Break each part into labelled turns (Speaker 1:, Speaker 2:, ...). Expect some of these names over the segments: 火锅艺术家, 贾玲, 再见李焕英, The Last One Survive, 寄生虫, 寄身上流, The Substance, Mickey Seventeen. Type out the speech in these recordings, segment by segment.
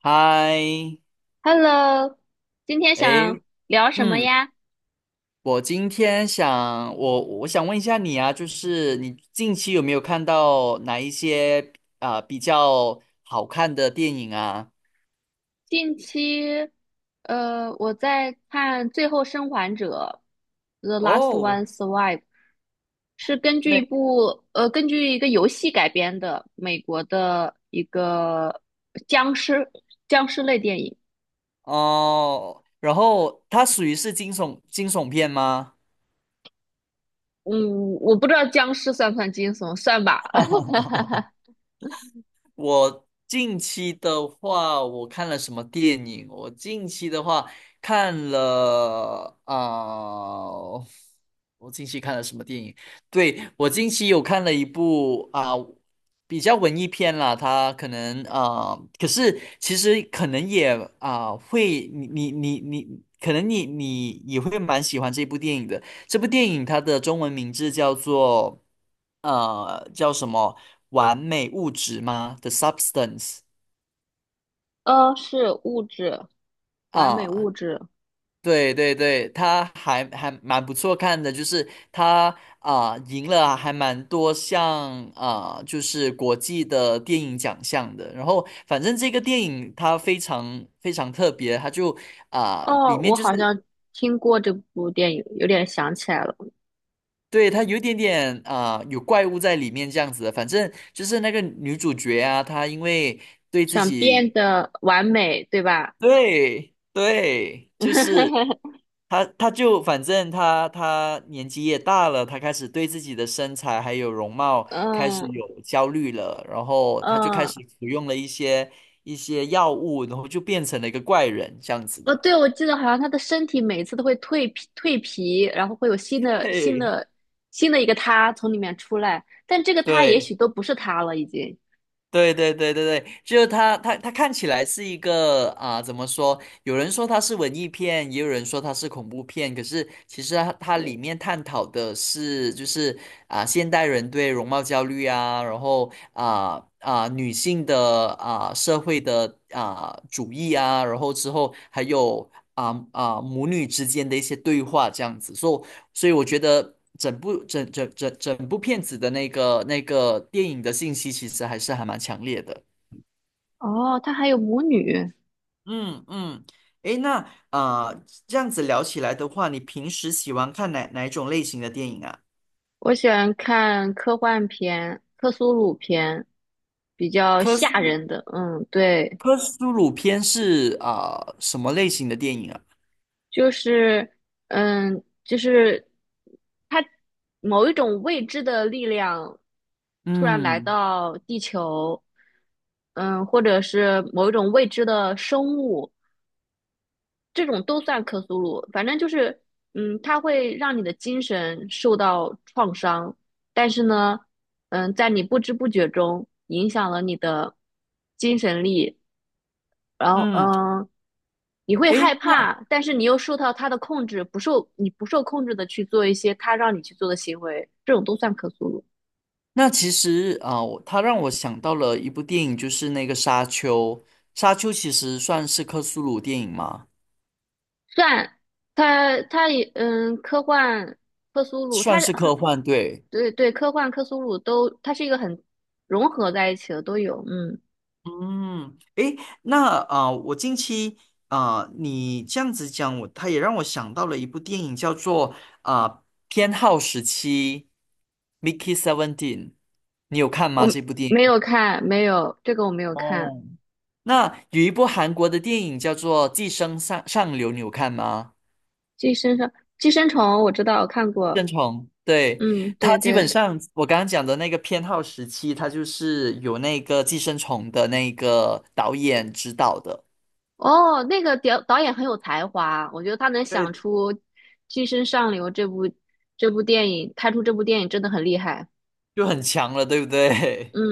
Speaker 1: 嗨，
Speaker 2: Hello，今天想
Speaker 1: 诶，
Speaker 2: 聊什么
Speaker 1: 嗯，
Speaker 2: 呀？
Speaker 1: 我今天想，我想问一下你啊，就是你近期有没有看到哪一些比较好看的电影啊？
Speaker 2: 近期，我在看《最后生还者》(The Last
Speaker 1: 哦
Speaker 2: One Survive)，是根据一部根据一个游戏改编的美国的一个僵尸类电影。
Speaker 1: 哦，然后它属于是惊悚片吗？
Speaker 2: 嗯，我不知道僵尸算不算惊悚，算吧。
Speaker 1: 我近期的话，我看了什么电影？我近期的话看了我近期看了什么电影？对，我近期有看了一部比较文艺片啦，它可能可是其实可能也会，你你你你，可能你也会蛮喜欢这部电影的。这部电影它的中文名字叫做叫什么？完美物质吗？The Substance。
Speaker 2: 呃，是物质，完美
Speaker 1: 啊，
Speaker 2: 物质。
Speaker 1: 对对对，它还蛮不错看的，就是它啊赢了还蛮多项啊，就是国际的电影奖项的。然后反正这个电影它非常非常特别，它就啊
Speaker 2: 哦，
Speaker 1: 里面
Speaker 2: 我
Speaker 1: 就
Speaker 2: 好
Speaker 1: 是。
Speaker 2: 像听过这部电影，有点想起来了。
Speaker 1: 对，它有一点点有怪物在里面这样子的。反正就是那个女主角啊，她因为对自
Speaker 2: 想变
Speaker 1: 己
Speaker 2: 得完美，对吧？
Speaker 1: 对对，就是 他，他就反正他年纪也大了，他开始对自己的身材还有容貌开
Speaker 2: 嗯
Speaker 1: 始有焦虑了，然后他就开
Speaker 2: 嗯，
Speaker 1: 始服用了一些药物，然后就变成了一个怪人这样子
Speaker 2: 哦，
Speaker 1: 的。
Speaker 2: 对，我记得好像他的身体每次都会蜕皮，然后会有新 的
Speaker 1: 对
Speaker 2: 新的一个他从里面出来，但这个他也
Speaker 1: 对。
Speaker 2: 许都不是他了，已经。
Speaker 1: 对对对对对，就是他看起来是一个怎么说？有人说它是文艺片，也有人说它是恐怖片。可是其实它里面探讨的是，就是现代人对容貌焦虑啊，然后女性的社会的主义啊，然后之后还有母女之间的一些对话这样子。所以我觉得整部整整整整部片子的那个电影的信息，其实还是还蛮强烈的。
Speaker 2: 哦，他还有母女。
Speaker 1: 嗯嗯，诶，那啊这样子聊起来的话，你平时喜欢看哪一种类型的电影啊？
Speaker 2: 我喜欢看科幻片、克苏鲁片，比较
Speaker 1: 科
Speaker 2: 吓
Speaker 1: 苏
Speaker 2: 人的。嗯，对，
Speaker 1: 科苏鲁片是什么类型的电影啊？
Speaker 2: 就是嗯，就是它某一种未知的力量突然来
Speaker 1: 嗯
Speaker 2: 到地球，嗯，或者是某一种未知的生物，这种都算克苏鲁。反正就是，嗯，它会让你的精神受到创伤，但是呢，嗯，在你不知不觉中影响了你的精神力。然后
Speaker 1: 嗯，
Speaker 2: 你会害
Speaker 1: 诶，
Speaker 2: 怕，但是你又受到他的控制，不受你不受控制的去做一些他让你去做的行为，这种都算克苏鲁，
Speaker 1: 那其实啊、他让我想到了一部电影，就是那个《沙丘》。《沙丘》其实算是科苏鲁电影吗？
Speaker 2: 算他他也科幻克苏鲁，
Speaker 1: 算
Speaker 2: 他是
Speaker 1: 是
Speaker 2: 很
Speaker 1: 科幻，对。
Speaker 2: 对对，科幻克苏鲁都，它是一个很融合在一起的，都有。嗯，
Speaker 1: 嗯，诶，那我近期你这样子讲，他也让我想到了一部电影，叫做偏好时期（ （Mickey Seventeen），你有看
Speaker 2: 我
Speaker 1: 吗？这部电影？
Speaker 2: 没有看，没有这个我没有看，
Speaker 1: 哦，那有一部韩国的电影叫做《寄生上流》，你有看吗？
Speaker 2: 《寄生上寄生虫》我知道我看
Speaker 1: 生
Speaker 2: 过，
Speaker 1: 虫，对，
Speaker 2: 嗯，
Speaker 1: 它
Speaker 2: 对
Speaker 1: 基本
Speaker 2: 对。
Speaker 1: 上我刚刚讲的那个偏好时期，它就是有那个《寄生虫》的那个导演指导的，
Speaker 2: 哦，那个导演很有才华，我觉得他能想
Speaker 1: 对，
Speaker 2: 出《寄身上流》这部电影，拍出这部电影真的很厉害。
Speaker 1: 就很强了，对不对？
Speaker 2: 嗯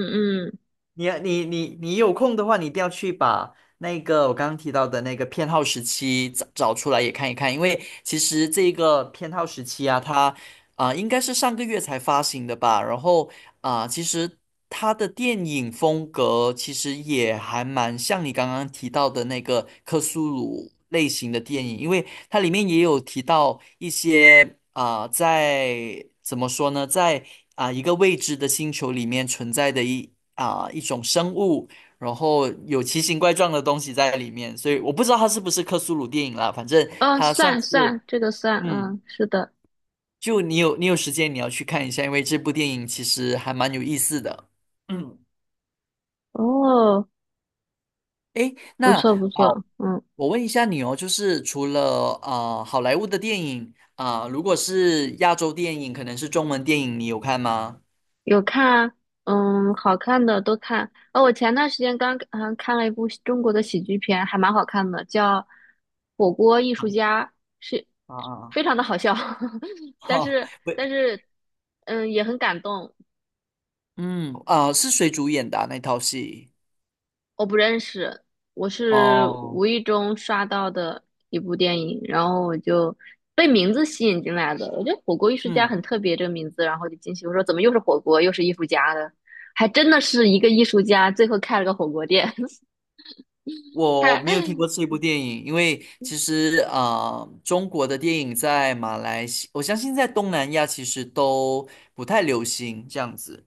Speaker 2: 嗯，
Speaker 1: 你有空的话，你一定要去把那个我刚刚提到的那个偏好时期找出来也看一看，因为其实这个偏好时期啊，它应该是上个月才发行的吧，然后其实它的电影风格其实也还蛮像你刚刚提到的那个克苏鲁类型的电影，因为它里面也有提到一些在怎么说呢，在一个未知的星球里面存在的一。一种生物，然后有奇形怪状的东西在里面，所以我不知道它是不是克苏鲁电影啦，反正
Speaker 2: 哦，
Speaker 1: 它算
Speaker 2: 算
Speaker 1: 是，
Speaker 2: 算，这个算，
Speaker 1: 嗯，
Speaker 2: 嗯，是的。
Speaker 1: 就你有时间你要去看一下，因为这部电影其实还蛮有意思的。嗯，
Speaker 2: 哦，
Speaker 1: 诶，
Speaker 2: 不
Speaker 1: 那
Speaker 2: 错不
Speaker 1: 啊、
Speaker 2: 错，嗯，
Speaker 1: 我问一下你哦，就是除了好莱坞的电影如果是亚洲电影，可能是中文电影，你有看吗？
Speaker 2: 有看，嗯，好看的都看。哦，我前段时间刚看了一部中国的喜剧片，还蛮好看的，叫《火锅艺术家》，是
Speaker 1: 啊啊，啊！
Speaker 2: 非常的好笑，但
Speaker 1: 哈、
Speaker 2: 是
Speaker 1: 不，
Speaker 2: 但是也很感动。
Speaker 1: 是谁主演的啊那套戏？
Speaker 2: 我不认识，我是
Speaker 1: 哦，
Speaker 2: 无意中刷到的一部电影，然后我就被名字吸引进来的。我觉得"火锅艺术家"
Speaker 1: 嗯。
Speaker 2: 很特别这个名字，然后就进去，我说怎么又是火锅，又是艺术家的？还真的是一个艺术家，最后开了个火锅店。
Speaker 1: 我
Speaker 2: 他，
Speaker 1: 没有听过这部电影，因为其实中国的电影在马来西我相信在东南亚其实都不太流行这样子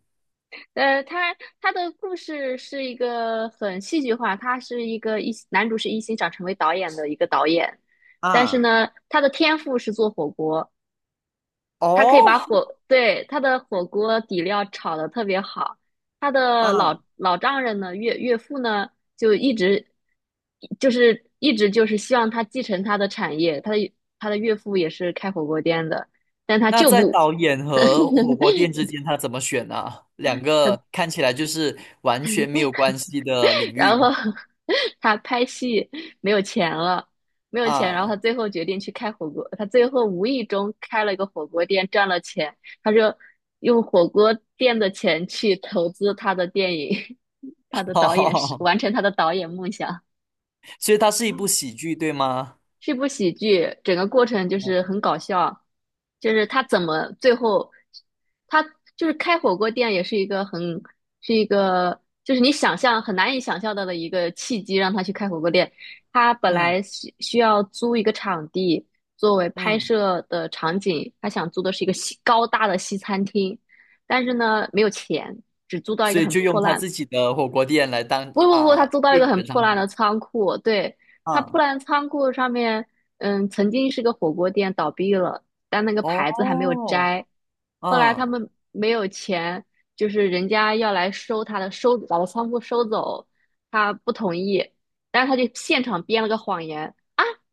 Speaker 2: 他他的故事是一个很戏剧化，他是一个一男主是一心想成为导演的一个导演，但是
Speaker 1: 啊。
Speaker 2: 呢，他的天赋是做火锅。他可以把
Speaker 1: 哦，
Speaker 2: 火，对，他的火锅底料炒得特别好。他的
Speaker 1: 啊，
Speaker 2: 老丈人呢，岳父呢，就一直就是一直就是希望他继承他的产业。他的岳父也是开火锅店的，但他
Speaker 1: 那
Speaker 2: 就
Speaker 1: 在
Speaker 2: 不，
Speaker 1: 导演和火锅店之间，他怎么选呢、两
Speaker 2: 他
Speaker 1: 个看起来就是完全没有关系的领
Speaker 2: 然后
Speaker 1: 域
Speaker 2: 他拍戏没有钱了，没有钱，然后
Speaker 1: 啊。
Speaker 2: 他最后决定去开火锅。他最后无意中开了一个火锅店，赚了钱。他就用火锅店的钱去投资他的电影，他的 导演是
Speaker 1: 哦，
Speaker 2: 完成他的导演梦想。
Speaker 1: 所以它是一部喜剧，对吗？
Speaker 2: 是部喜剧，整个过程就是
Speaker 1: 哦
Speaker 2: 很搞笑，就是他怎么最后，他就是开火锅店也是一个很，是一个就是你想象很难以想象到的一个契机，让他去开火锅店。他本
Speaker 1: 嗯
Speaker 2: 来需要租一个场地作为拍
Speaker 1: 嗯，
Speaker 2: 摄的场景，他想租的是一个西高大的西餐厅，但是呢没有钱，只租到一
Speaker 1: 所
Speaker 2: 个
Speaker 1: 以
Speaker 2: 很
Speaker 1: 就用
Speaker 2: 破
Speaker 1: 他
Speaker 2: 烂。
Speaker 1: 自己的火锅店来当
Speaker 2: 不不不，他租到一
Speaker 1: 电
Speaker 2: 个
Speaker 1: 影
Speaker 2: 很
Speaker 1: 的
Speaker 2: 破
Speaker 1: 场
Speaker 2: 烂
Speaker 1: 景
Speaker 2: 的仓库，对，他
Speaker 1: 啊。
Speaker 2: 破烂的仓库上面，嗯，曾经是个火锅店，倒闭了，但那个牌子还没有
Speaker 1: 哦，
Speaker 2: 摘。后来
Speaker 1: 嗯，
Speaker 2: 他 们没有钱，就是人家要来收他的，把他仓库收走，他不同意，但是他就现场编了个谎言，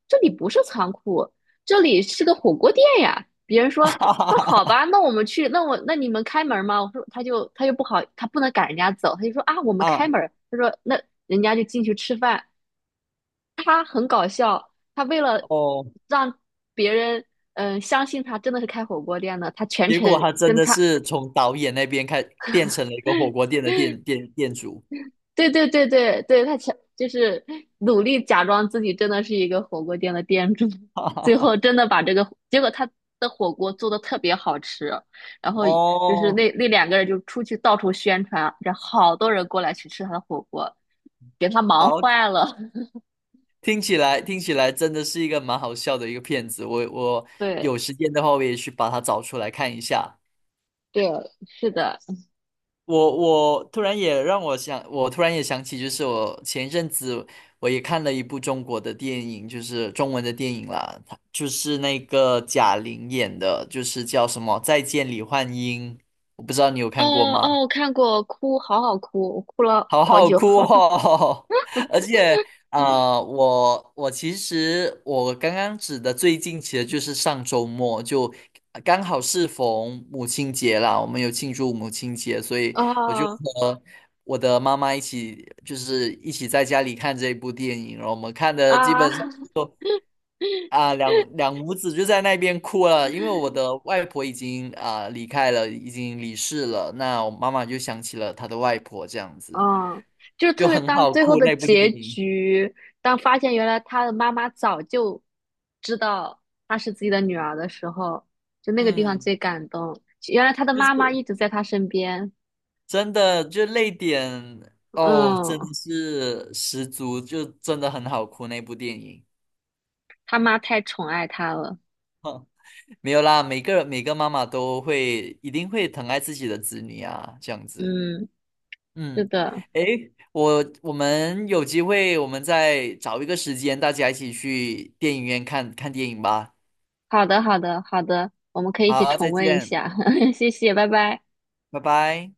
Speaker 2: 这里不是仓库，这里是个火锅店呀。"别人说：
Speaker 1: 哈哈
Speaker 2: “那
Speaker 1: 哈
Speaker 2: 好
Speaker 1: 哈
Speaker 2: 吧，那我们去，那你们开门吗？"我说："他就不好，他不能赶人家走，他就说啊，我们开
Speaker 1: 啊，
Speaker 2: 门。"他说："那人家就进去吃饭。"他为了
Speaker 1: 哦，
Speaker 2: 让别人相信他真的是开火锅店的，他全
Speaker 1: 结果
Speaker 2: 程
Speaker 1: 他真
Speaker 2: 跟
Speaker 1: 的
Speaker 2: 他
Speaker 1: 是从导演那边开变成了一个火锅店的店主。
Speaker 2: 对对对对对，他强就是努力假装自己真的是一个火锅店的店主，最后真的把这个结果他的火锅做的特别好吃，然后就是那
Speaker 1: 哦，
Speaker 2: 那两个人就出去到处宣传，然后好多人过来去吃他的火锅，给他忙
Speaker 1: 好，
Speaker 2: 坏了。
Speaker 1: 听起来真的是一个蛮好笑的一个片子。我
Speaker 2: 对
Speaker 1: 有时间的话，我也去把它找出来看一下。
Speaker 2: 对，是的，
Speaker 1: 我突然也让我想，我突然也想起，就是我前一阵子我也看了一部中国的电影，就是中文的电影啦，它就是那个贾玲演的，就是叫什么《再见李焕英》，我不知道你有看过
Speaker 2: 哦
Speaker 1: 吗？
Speaker 2: 哦，我看过，哭，好好哭，我哭 了
Speaker 1: 好
Speaker 2: 好
Speaker 1: 好
Speaker 2: 久。
Speaker 1: 哭哦！而且，我其实我刚刚指的最近其实就是上周末，就刚好适逢母亲节啦，我们有庆祝母亲节，所以我就
Speaker 2: 啊
Speaker 1: 和我的妈妈一起，就是一起在家里看这一部电影，然后我们看的基
Speaker 2: 啊！
Speaker 1: 本上。都。啊，两两母子就在那边哭了，因为我的外婆已经啊离开了，已经离世了。那我妈妈就想起了她的外婆，这样子
Speaker 2: 嗯，就是
Speaker 1: 就
Speaker 2: 特别
Speaker 1: 很
Speaker 2: 当
Speaker 1: 好
Speaker 2: 最后
Speaker 1: 哭
Speaker 2: 的
Speaker 1: 那部电
Speaker 2: 结
Speaker 1: 影。
Speaker 2: 局，当发现原来他的妈妈早就知道她是自己的女儿的时候，就那个地方
Speaker 1: 嗯，
Speaker 2: 最感动。原来他的
Speaker 1: 就
Speaker 2: 妈妈
Speaker 1: 是
Speaker 2: 一直在他身边，
Speaker 1: 真的就泪点哦，真
Speaker 2: 嗯，
Speaker 1: 的是十足，就真的很好哭那部电影。
Speaker 2: 他妈太宠爱他了，
Speaker 1: 没有啦，每个每个妈妈都会一定会疼爱自己的子女啊，这样子。
Speaker 2: 嗯，是
Speaker 1: 嗯，
Speaker 2: 的，
Speaker 1: 诶，我们有机会，我们再找一个时间，大家一起去电影院看看电影吧。
Speaker 2: 好的，好的，好的，我们可以一起
Speaker 1: 好，再
Speaker 2: 重温一
Speaker 1: 见，
Speaker 2: 下，谢谢，拜拜。
Speaker 1: 拜拜。